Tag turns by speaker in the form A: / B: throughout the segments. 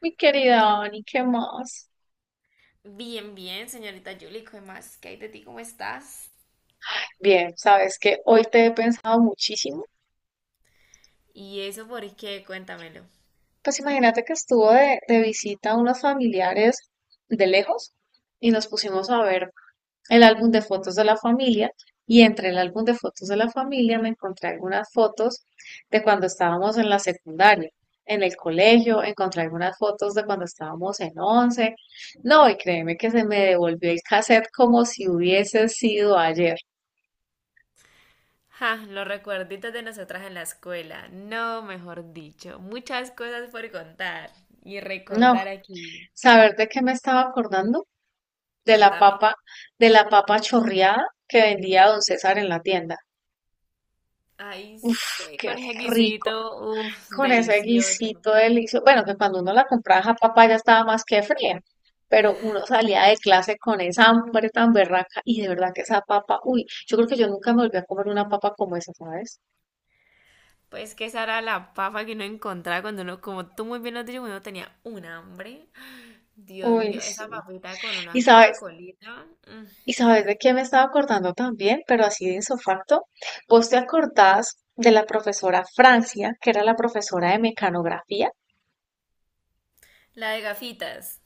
A: Mi querida
B: Sí.
A: Dani, ¿qué más?
B: Bien, bien, señorita Julie, ¿qué más? ¿Qué hay de ti? ¿Cómo estás?
A: Bien, sabes que hoy te he pensado muchísimo.
B: ¿Y eso por qué? Cuéntamelo.
A: Pues imagínate que estuvo de visita unos familiares de lejos y nos pusimos a ver el álbum de fotos de la familia y entre el álbum de fotos de la familia me encontré algunas fotos de cuando estábamos en la secundaria, en el colegio, encontré algunas fotos de cuando estábamos en once. No, y créeme que se me devolvió el cassette como si hubiese sido ayer.
B: Ja, los recuerditos de nosotras en la escuela. No, mejor dicho, muchas cosas por contar y
A: No,
B: recordar aquí.
A: ¿saber de qué me estaba acordando? De la
B: Contame.
A: papa, de la papa chorreada que vendía don César en la tienda.
B: Ay,
A: Uf,
B: sí,
A: qué
B: con ese
A: rico.
B: guisito, uff,
A: Con ese
B: delicioso.
A: guisito delicioso. Bueno, que cuando uno la compraba, esa papa ya estaba más que fría. Pero uno salía de clase con esa hambre tan berraca y de verdad que esa papa, uy, yo creo que yo nunca me volví a comer una papa como esa, ¿sabes?
B: Pues que esa era la papa que uno encontraba cuando uno, como tú muy bien lo has dicho, cuando uno tenía un hambre. Dios
A: Uy,
B: mío,
A: sí.
B: esa papita con
A: Y
B: una
A: sabes,
B: Coca-Colita. Mm.
A: ¿y sabes de qué me estaba acordando también? Pero así de insofacto. ¿Vos te acordás de la profesora Francia, que era la profesora de mecanografía?
B: La de gafitas.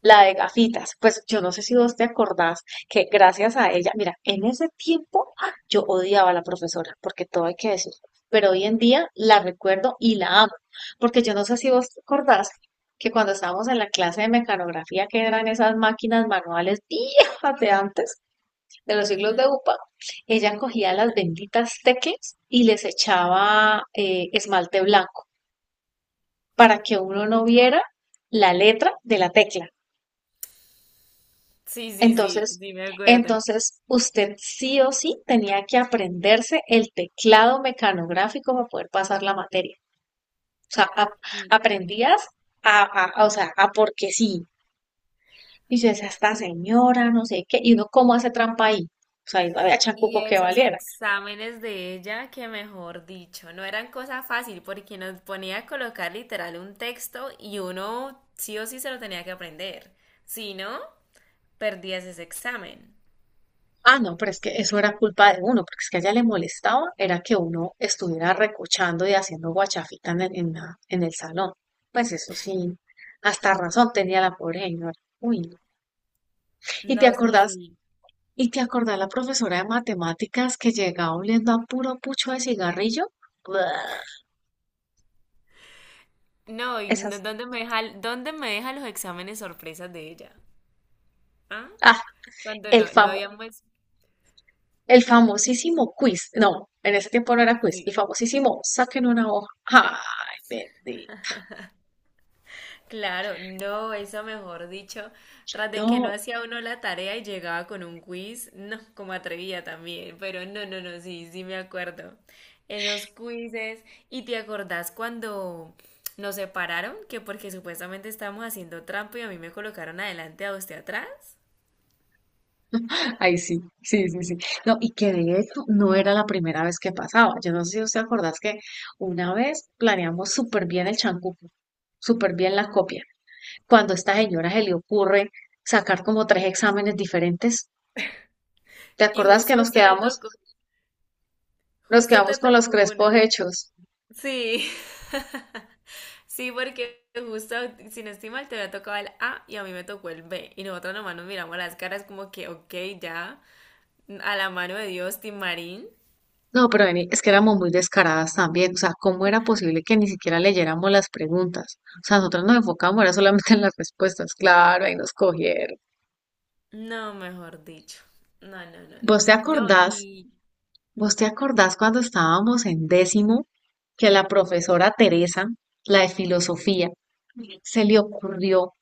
A: La de gafitas. Pues yo no sé si vos te acordás que gracias a ella, mira, en ese tiempo ¡ah! Yo odiaba a la profesora, porque todo hay que decirlo. Pero hoy en día la recuerdo y la amo. Porque yo no sé si vos te acordás que cuando estábamos en la clase de mecanografía, que eran esas máquinas manuales viejas de antes, de los siglos de
B: Ujú.
A: UPA, ella cogía las benditas teclas y les echaba esmalte blanco para que uno no viera la letra de la tecla.
B: Sí, sí, sí,
A: Entonces,
B: sí, me acuerdo.
A: entonces, usted sí o sí tenía que aprenderse el teclado mecanográfico para poder pasar la materia. O sea,
B: Y,
A: aprendías o sea, a porque sí. Y yo decía, esta señora, no sé qué, y uno cómo hace trampa ahí. O sea, y no había
B: y
A: chancuco que
B: esos
A: valiera.
B: exámenes de ella, que mejor dicho, no eran cosa fácil porque nos ponía a colocar literal un texto y uno sí o sí se lo tenía que aprender. Si no, perdías ese examen.
A: Ah, no, pero es que eso era culpa de uno, porque es que a ella le molestaba, era que uno estuviera recochando y haciendo guachafita en en el salón. Pues eso sí, hasta razón tenía la pobre señora. Uy, no. ¿Y te
B: No, sí,
A: acordás?
B: sí.
A: ¿Y te acordás la profesora de matemáticas que llegaba oliendo a puro pucho de cigarrillo? Buah,
B: No,
A: esas.
B: ¿dónde me deja, los exámenes sorpresas de ella? ¿Ah?
A: Ah,
B: Cuando
A: el
B: no
A: famo,
B: habíamos...
A: el famosísimo quiz. No, en ese tiempo no era quiz, el
B: sí.
A: famosísimo saquen una hoja. Ay, bendito.
B: Claro, no, eso mejor dicho, tras de que no
A: No,
B: hacía uno la tarea y llegaba con un quiz, no, como atrevía también, pero no, no, no, sí, sí me acuerdo. Esos quizzes, ¿y te acordás cuando nos separaron? Que porque supuestamente estábamos haciendo trampa y a mí me colocaron adelante a usted atrás.
A: ay, sí, sí, sí, sí. No, y que de hecho no era la primera vez que pasaba. Yo no sé si usted acordás que una vez planeamos súper bien el chancuco, súper bien la copia, cuando a esta señora se le ocurre sacar como tres exámenes diferentes. ¿Te
B: Y
A: acordás que
B: justo a
A: nos
B: usted le
A: quedamos,
B: tocó,
A: nos
B: justo te
A: quedamos con los
B: tocó
A: crespos
B: uno.
A: hechos?
B: Sí, sí, porque justo, si no estoy mal, te había tocado el A y a mí me tocó el B. Y nosotros nomás nos miramos las caras como que, ok, ya, a la mano de Dios, Timarín.
A: No, pero vení, es que éramos muy descaradas también. O sea, ¿cómo era posible que ni siquiera leyéramos las preguntas? O sea, nosotros nos enfocábamos, era solamente en las respuestas. Claro, ahí nos cogieron.
B: No, mejor dicho. No, no, no, no.
A: ¿Vos te
B: No,
A: acordás?
B: y...
A: ¿Vos te acordás cuando estábamos en décimo que la profesora Teresa, la de filosofía, se le ocurrió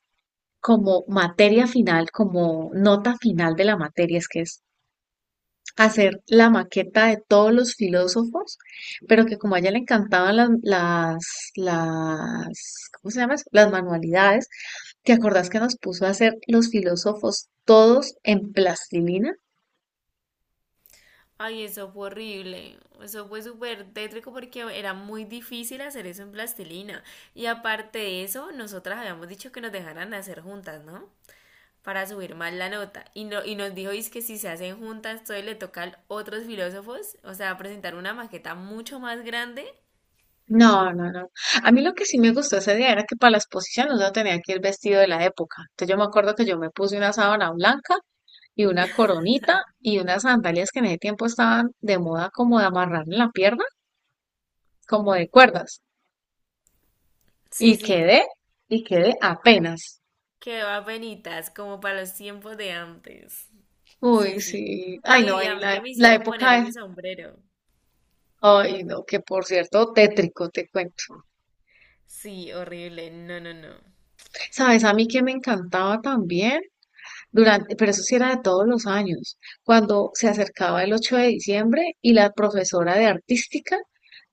A: como materia final, como nota final de la materia, es que es hacer la maqueta de todos los filósofos, pero que como a ella le encantaban ¿cómo se llama eso? Las manualidades, ¿te acordás que nos puso a hacer los filósofos todos en plastilina?
B: Ay, eso fue horrible. Eso fue súper tétrico porque era muy difícil hacer eso en plastilina. Y aparte de eso, nosotras habíamos dicho que nos dejaran hacer juntas, ¿no? Para subir más la nota. Y, no, y nos dijo es que si se hacen juntas, todo le toca a otros filósofos, o sea, presentar una maqueta mucho más grande.
A: No, no, no. A mí lo que sí me gustó ese día era que para las posiciones uno tenía que ir vestido de la época. Entonces yo me acuerdo que yo me puse una sábana blanca y una coronita y unas sandalias que en ese tiempo estaban de moda como de amarrar en la pierna, como de cuerdas.
B: Sí,
A: Y
B: sí,
A: quedé, y quedé apenas.
B: que va penitas, como para los tiempos de antes. Sí,
A: Uy,
B: sí.
A: sí.
B: No,
A: Ay, no,
B: y a
A: vení,
B: mí
A: la,
B: que me
A: la
B: hicieron poner
A: época de...
B: ese sombrero.
A: Ay, no, que por cierto, tétrico, te cuento.
B: Sí, horrible. No, no, no.
A: ¿Sabes? A mí que me encantaba también. Durante, pero eso sí era de todos los años, cuando se acercaba el 8 de diciembre y la profesora de artística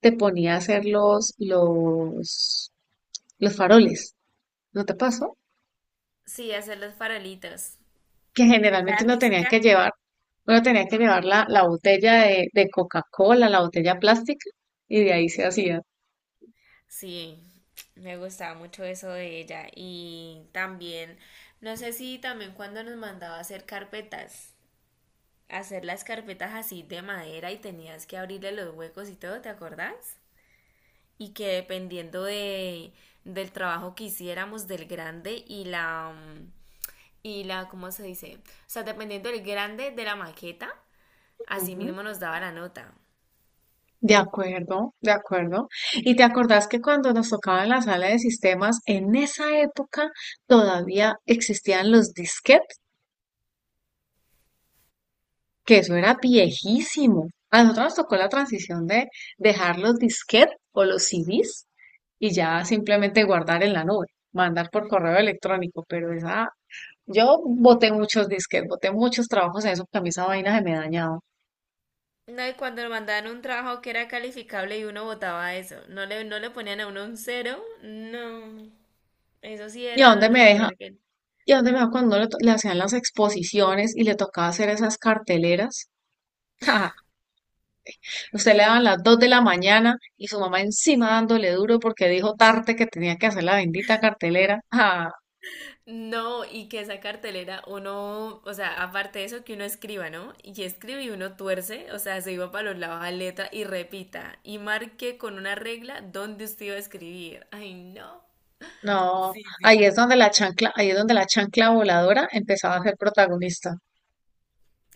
A: te ponía a hacer los faroles. ¿No te pasó?
B: Sí, hacer los farolitos.
A: Que
B: La
A: generalmente
B: artística.
A: uno tenía que llevar la botella de Coca-Cola, la botella plástica, y de ahí se hacía.
B: Sí, me gustaba mucho eso de ella. Y también, no sé si también cuando nos mandaba a hacer carpetas. Hacer las carpetas así de madera y tenías que abrirle los huecos y todo, ¿te acordás? Y que dependiendo del trabajo que hiciéramos, del grande y la, ¿cómo se dice? O sea, dependiendo del grande de la maqueta, así mismo nos daba la nota.
A: De acuerdo, de acuerdo. ¿Y te acordás que cuando nos tocaba en la sala de sistemas, en esa época todavía existían los disquetes? Que eso era viejísimo. A nosotros nos tocó la transición de dejar los disquetes o los CDs y ya simplemente guardar en la nube, mandar por correo electrónico. Pero esa, yo boté muchos disquetes, boté muchos trabajos en eso porque a mí esa vaina se me dañaba.
B: No, y cuando nos mandaban un trabajo que era calificable y uno votaba eso, no le ponían a uno un cero, no. Eso sí
A: ¿Y a
B: era
A: dónde me
B: lo
A: deja?
B: peor que...
A: ¿Y a dónde me va cuando le, le hacían las exposiciones y le tocaba hacer esas carteleras? Ja, usted le daban las 2 de la mañana y su mamá encima dándole duro porque dijo tarde que tenía que hacer la bendita cartelera. Ah,
B: No, y que esa cartelera uno, o sea, aparte de eso que uno escriba, ¿no? Y escribe y uno tuerce, o sea, se iba para los lados a letra y repita y marque con una regla dónde usted iba a escribir. Ay, no.
A: no,
B: Sí, sí.
A: ahí es donde la chancla voladora empezaba a ser protagonista.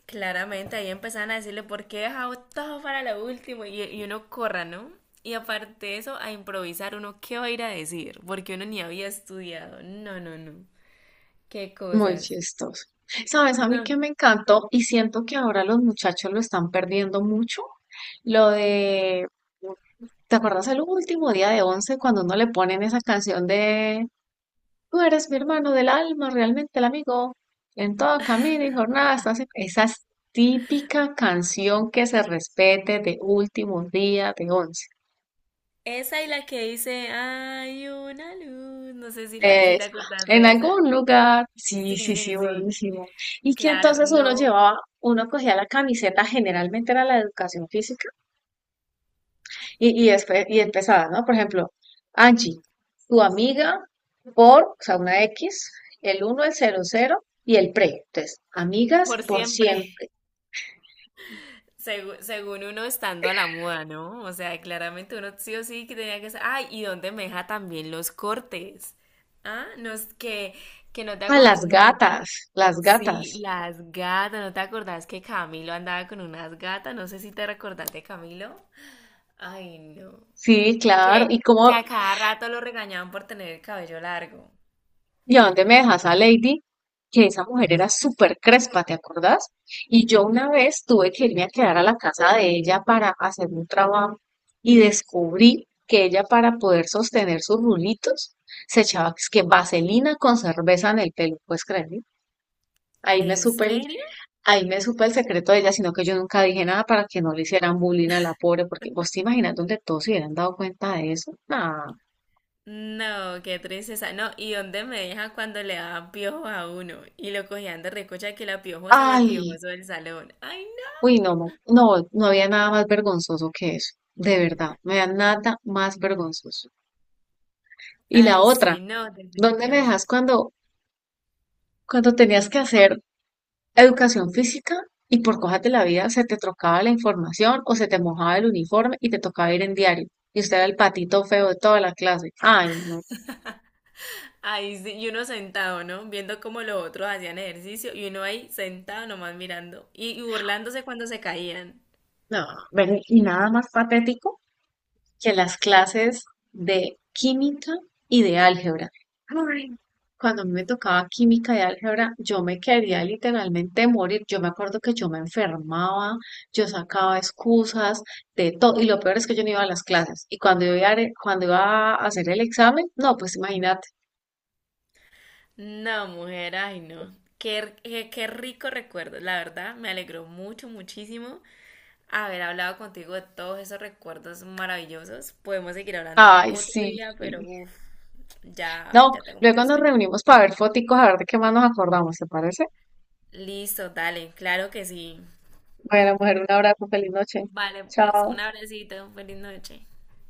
B: Claramente ahí empezaban a decirle por qué he dejado todo para lo último y uno corra, ¿no? Y aparte de eso, a improvisar uno qué va a ir a decir, porque uno ni había estudiado. No, no, no. Qué
A: Muy
B: cosas.
A: chistoso. ¿Sabes? A mí
B: No.
A: que me encantó y siento que ahora los muchachos lo están perdiendo mucho. Lo de, ¿te acuerdas el último día de once cuando uno le ponen esa canción de "Tú eres mi hermano del alma, realmente el amigo. En todo camino y jornada estás". En-, esa es típica canción que se respete de último día de once.
B: Esa y la que dice, hay una luz. No sé si te
A: Es-,
B: acordás
A: en
B: de esa.
A: algún lugar, sí,
B: Sí,
A: sí,
B: sí,
A: sí,
B: sí.
A: buenísimo. Y que
B: Claro,
A: entonces uno
B: no,
A: llevaba, uno cogía la camiseta, generalmente era la de educación física, y después, y empezaba, ¿no? Por ejemplo, Angie, tu amiga por, o sea, una X, el uno el cero cero y el pre. Entonces, amigas
B: por
A: por
B: siempre.
A: siempre.
B: Según uno estando a la moda, ¿no? O sea, claramente uno sí o sí que tenía que ser. Ay, y dónde me deja también los cortes. Ah, no es que no te
A: Ah,
B: acordás.
A: las gatas, las
B: Sí,
A: gatas.
B: las gatas. ¿No te acordás que Camilo andaba con unas gatas? No sé si te recordás de Camilo. Ay, no.
A: Sí, claro. ¿Y
B: que, que
A: cómo,
B: a cada rato lo regañaban por tener el cabello largo.
A: y a dónde me dejas a Lady? Que esa mujer era súper crespa, ¿te acordás? Y yo una vez tuve que irme a quedar a la casa de ella para hacer un trabajo y descubrí que ella para poder sostener sus rulitos se echaba es que vaselina con cerveza en el pelo, ¿puedes creerlo? Ahí me
B: ¿En
A: supe el,
B: serio?
A: ahí me supe el secreto de ella, sino que yo nunca dije nada para que no le hicieran bullying a la pobre, porque vos te imaginas donde todos se hubieran dado cuenta de eso. Nah.
B: No, qué tristeza. No, ¿y dónde me dejan cuando le daban piojos a uno? Y lo cogían de recocha que la piojosa o el
A: Ay,
B: piojoso del salón. ¡Ay, no!
A: uy, no, no, no había nada más vergonzoso que eso, de verdad, no había nada más vergonzoso. Y la
B: Ay,
A: otra,
B: sí, no,
A: ¿dónde me dejas
B: definitivamente.
A: cuando tenías que hacer educación física y por cosas de la vida se te trocaba la información o se te mojaba el uniforme y te tocaba ir en diario? Y usted era el patito feo de toda la clase. Ay, no,
B: Ahí sí, y uno sentado, ¿no? Viendo cómo los otros hacían ejercicio y uno ahí sentado nomás mirando y burlándose cuando se caían.
A: no, ven, y nada más patético que las clases de química y de álgebra. Ay, cuando a mí me tocaba química y álgebra, yo me quería literalmente morir. Yo me acuerdo que yo me enfermaba, yo sacaba excusas de todo. Y lo peor es que yo no iba a las clases. Y cuando cuando iba a hacer el examen, no, pues imagínate.
B: No, mujer, ay no. Qué rico recuerdo, la verdad, me alegró mucho, muchísimo haber hablado contigo de todos esos recuerdos maravillosos. Podemos seguir hablando
A: Ay,
B: otro
A: sí.
B: día, pero uff, ya,
A: No,
B: ya tengo
A: luego
B: mucho
A: nos
B: sueño.
A: reunimos para ver foticos, a ver de qué más nos acordamos, ¿te parece?
B: Listo, dale, claro que sí.
A: Bueno, mujer, un abrazo, feliz noche.
B: Vale, pues,
A: Chao.
B: un abracito, feliz noche.